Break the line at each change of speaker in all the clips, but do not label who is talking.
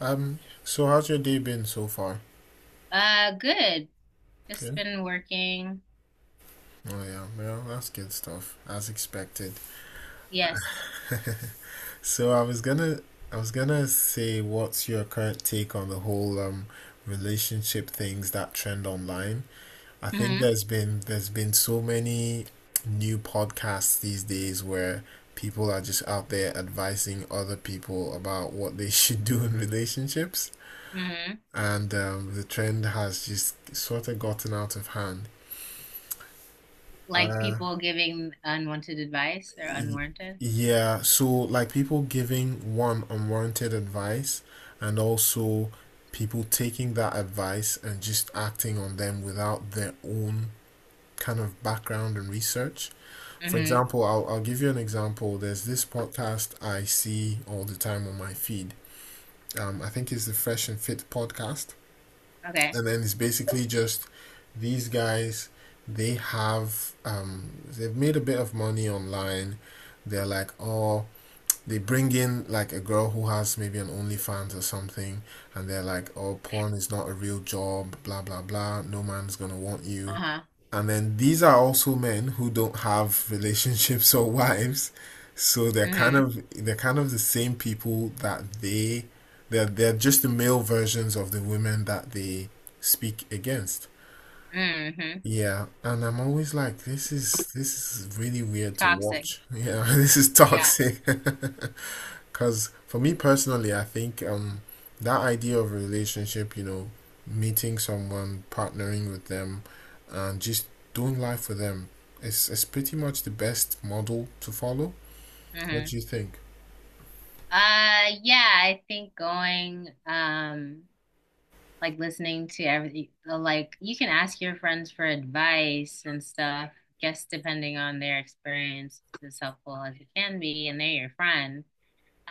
Um, so how's your day been so far?
Good. Just
Good.
been working.
Oh yeah, well, that's good stuff, as expected.
Yes.
So I was gonna, I was gonna say, what's your current take on the whole relationship things that trend online? I think
hmm
there's been so many new podcasts these days where people are just out there advising other people about what they should do in relationships,
hmm
and the trend has just sort of gotten out of hand.
Like
Uh,
people giving unwanted advice or
Y-
unwarranted.
Yeah, so like people giving one unwarranted advice and also people taking that advice and just acting on them without their own kind of background and research. For
hmm
example, I'll give you an example. There's this podcast I see all the time on my feed. I think it's the Fresh and Fit podcast.
Okay.
And then it's basically just these guys. They've made a bit of money online. They're like, oh, they bring in like a girl who has maybe an OnlyFans or something, and they're like, "Oh, porn is not a real job, blah blah blah. No man's gonna want you."
Uh-huh.
And then these are also men who don't have relationships or wives, so they're kind
hmm
of they're kind of the same people that they're just the male versions of the women that they speak against.
hmm
Yeah, and I'm always like, this is really weird to
Toxic.
watch. Yeah, this is
Yeah.
toxic. Because for me personally, I think that idea of a relationship, you know, meeting someone, partnering with them, and just doing life with them is pretty much the best model to follow. What
hmm
do you think?
Yeah, I think like listening to everything, like you can ask your friends for advice and stuff, just depending on their experience, it's as helpful as it can be, and they're your friend.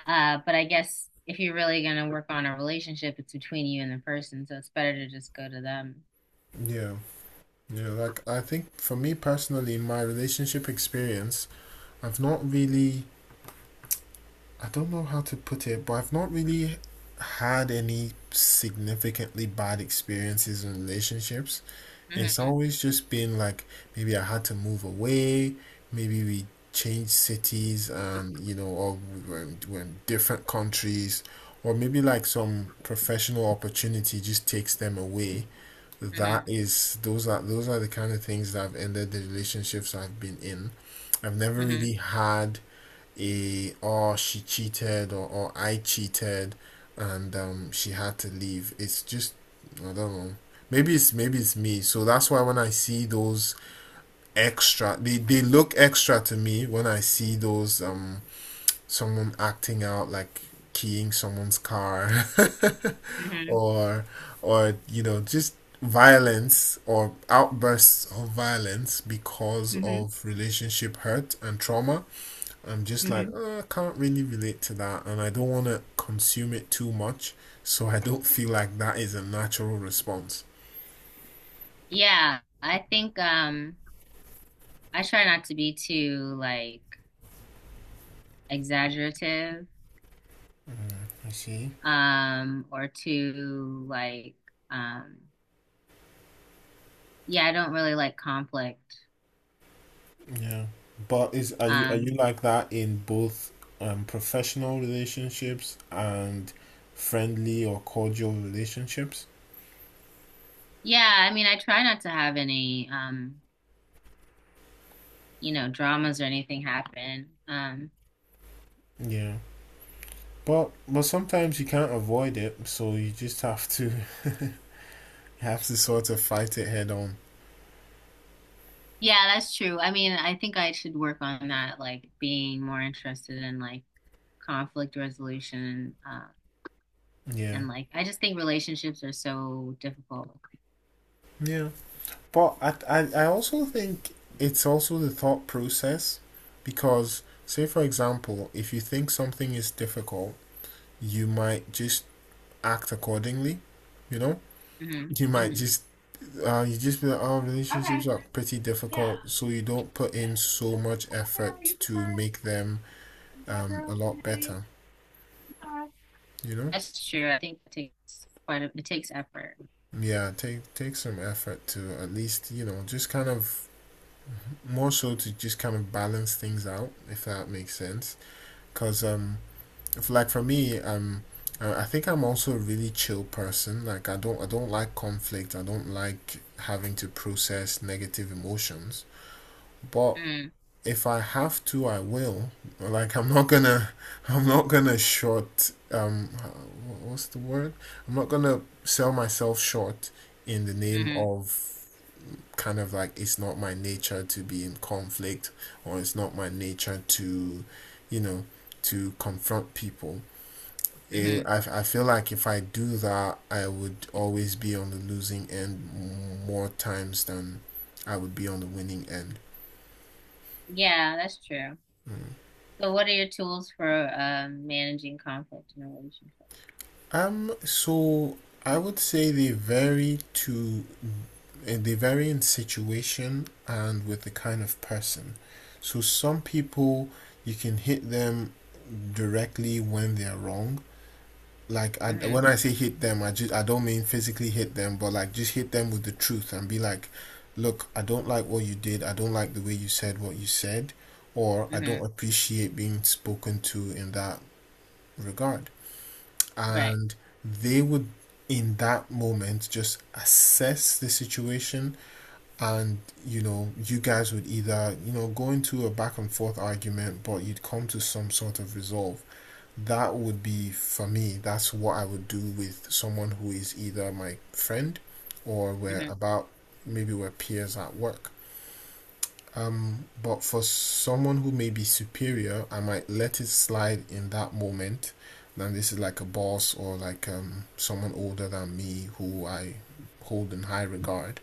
But I guess if you're really going to work on a relationship, it's between you and the person, so it's better to just go to them.
Yeah, yeah, like I think for me personally, in my relationship experience, I've not really, I don't know how to put it, but I've not really had any significantly bad experiences in relationships. It's
Mhm,
always just been like maybe I had to move away, maybe we changed cities, and you know, or we're in different countries, or maybe like some professional opportunity just takes them away. That
mhm,
is, those are the kind of things that have ended the relationships I've been in. I've never
mhm,
really had a, or she cheated, or I cheated, and she had to leave. It's just I don't know. Maybe it's me. So that's why when I see those extra, they look extra to me when I see those, someone acting out like keying someone's car
mhm,
or you know, just violence or outbursts of violence because
mhm,
of relationship hurt and trauma. I'm just like,
mhm.
I can't really relate to that, and I don't want to consume it too much, so I don't feel like that is a natural response."
Yeah, I try not to be too like exaggerative
I see.
or too like um yeah, I don't really like conflict.
Yeah. But is are you
Um
like that in both professional relationships and friendly or cordial relationships?
yeah, I mean I try not to have any you know dramas or anything happen.
Yeah. But sometimes you can't avoid it, so you just have to have to sort of fight it head on.
Yeah, that's true. I mean, I think I should work on that, like being more interested in like conflict resolution,
Yeah.
and like I just think relationships are so difficult.
Yeah. But I also think it's also the thought process because, say, for example, if you think something is difficult, you might just act accordingly, you know?
hmm
You might
hmm
just, you just be like, oh, relationships are pretty difficult, so you don't put in so much effort to make them, a lot
Okay.
better,
Uh,
you know?
That's true. I think it takes effort.
Yeah, take some effort to at least, you know, just kind of more so to just kind of balance things out, if that makes sense. Because if like for me, I think I'm also a really chill person. Like I don't like conflict. I don't like having to process negative emotions, but
Mm,
if I have to, I will. Like I'm not gonna I'm not gonna short um what's the word I'm not gonna sell myself short in the name
hmm
of, kind of like it's not my nature to be in conflict, or it's not my nature to, you know, to confront people. it,
hmm
I, I feel like if I do that, I would always be on the losing end more times than I would be on the winning end.
Yeah, that's true. So what are your tools for managing conflict in a relationship?
So I would say they vary in situation and with the kind of person. So some people you can hit them directly when they're wrong. Like,
hmm
when I say hit them, I don't mean physically hit them, but like just hit them with the truth and be like, look, I don't like what you did. I don't like the way you said what you said, or I don't
hmm
appreciate being spoken to in that regard.
Right.
And they would in that moment just assess the situation, and you know, you guys would either, you know, go into a back and forth argument, but you'd come to some sort of resolve. That would be for me. That's what I would do with someone who is either my friend, or we're
hmm
about, maybe we're peers at work. But for someone who may be superior, I might let it slide in that moment. Then this is like a boss, or like someone older than me who I hold in high regard,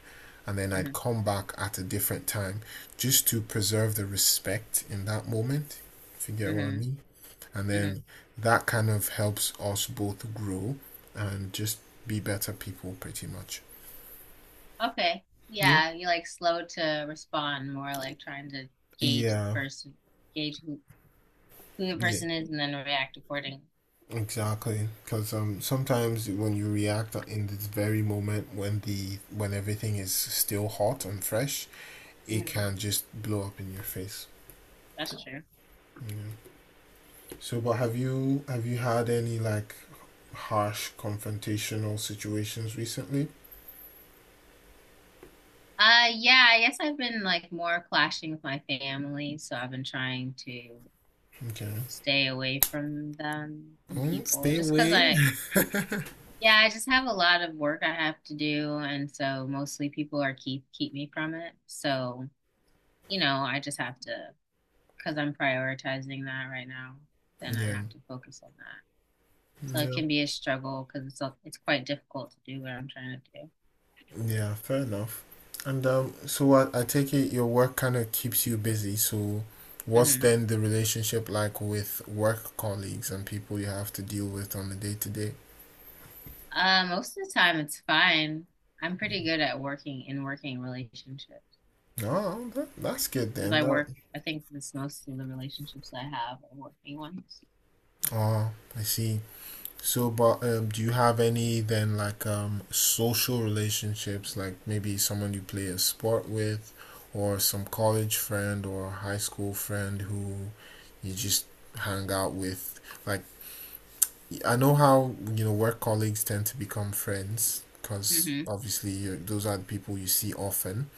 and then I'd
hmm
come back at a different time, just to preserve the respect in that moment, if you get what I
hmm
mean. And
hmm
then that kind of helps us both grow and just be better people, pretty much.
Okay.
Yeah.
Yeah, you like slow to respond, more like trying to gauge the
yeah
person, gauge who, who the
yeah
person is and then react accordingly.
exactly, because sometimes when you react in this very moment, when the when everything is still hot and fresh, it can
Mhm.
just blow up in your face.
That's true.
You know. So but have you had any like harsh confrontational situations recently?
Yeah, I guess I've been like more clashing with my family, so I've been trying to
Okay.
stay away from them and
Mm,
people
stay
just because
away.
I yeah, I just have a lot of work I have to do and so mostly people are keep me from it. So, you know, I just have to because I'm prioritizing that right now, then I
Yeah,
have to focus on that. So it
yeah.
can be a struggle because it's quite difficult to do what I'm trying to do.
Yeah, fair enough. And so I take it your work kind of keeps you busy. So what's
hmm
then the relationship like with work colleagues and people you have to deal with on a day to day?
Most of the time, it's fine. I'm pretty good at working in working relationships
Oh, that's good
because
then.
I
That
work. I think this most of the relationships I have are working ones.
oh, I see. So, but do you have any then, like, social relationships, like maybe someone you play a sport with, or some college friend or high school friend who you just hang out with? Like, I know how, you know, work colleagues tend to become friends because
hmm
obviously you those are the people you see often.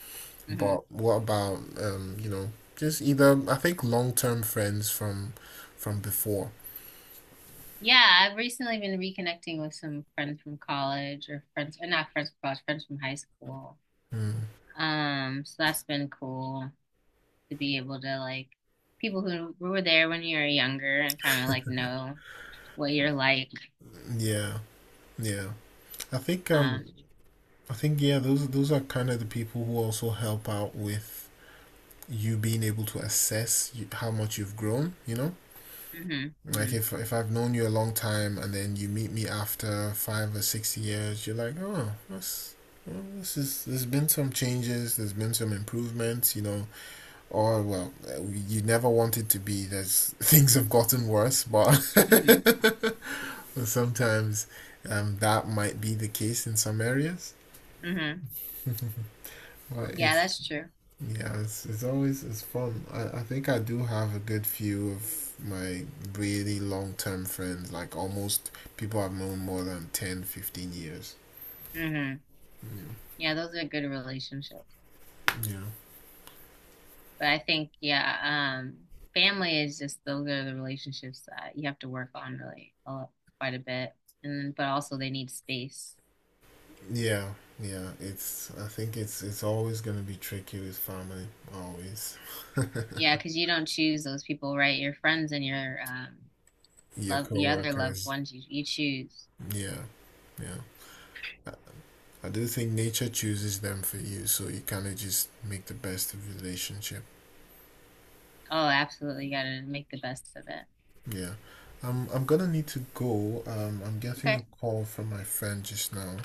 hmm
But what about, you know, just either, I think long-term friends from before.
Yeah, I've recently been reconnecting with some friends from college or friends, or not friends from college, friends from high school.
Mm,
So that's been cool. To be able to like people who were there when you were younger and kind of like know what you're like.
yeah, yeah. I think um
Um,
I think yeah, those are kind of the people who also help out with you being able to assess you, how much you've grown, you know?
hmm
Like
hmm
if I've known you a long time and then you meet me after 5 or 6 years, you're like, oh, that's this is, there's been some changes. There's been some improvements. You know, or well, you never want it to be. There's things have gotten worse, but
hmm
sometimes, that might be the case in some areas.
hmm
but
Yeah,
it's
that's true.
Yeah, it's always it's fun. I think I do have a good few of my really long term friends. Like almost people I've known more than 10, 15 years.
hmm
Yeah.
Yeah, those are good relationships.
Yeah.
But I think, yeah, family is just those are the relationships that you have to work on really a lot, quite a bit. And then, but also they need space.
Yeah, yeah. It's I think it's always gonna be tricky with family, always.
Yeah, because you don't choose those people, right? Your friends and your
Your
love, the other loved
coworkers.
ones you choose.
Yeah, yeah. I do think nature chooses them for you, so you kind of just make the best of the relationship.
Oh, absolutely. You gotta make the best of it.
Yeah. I'm gonna need to go. I'm getting a
Okay.
call from my friend just now.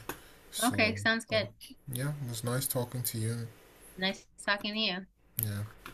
So,
Okay. Sounds
uh,
good.
yeah, it was nice talking to you.
Nice talking to you.
Yeah.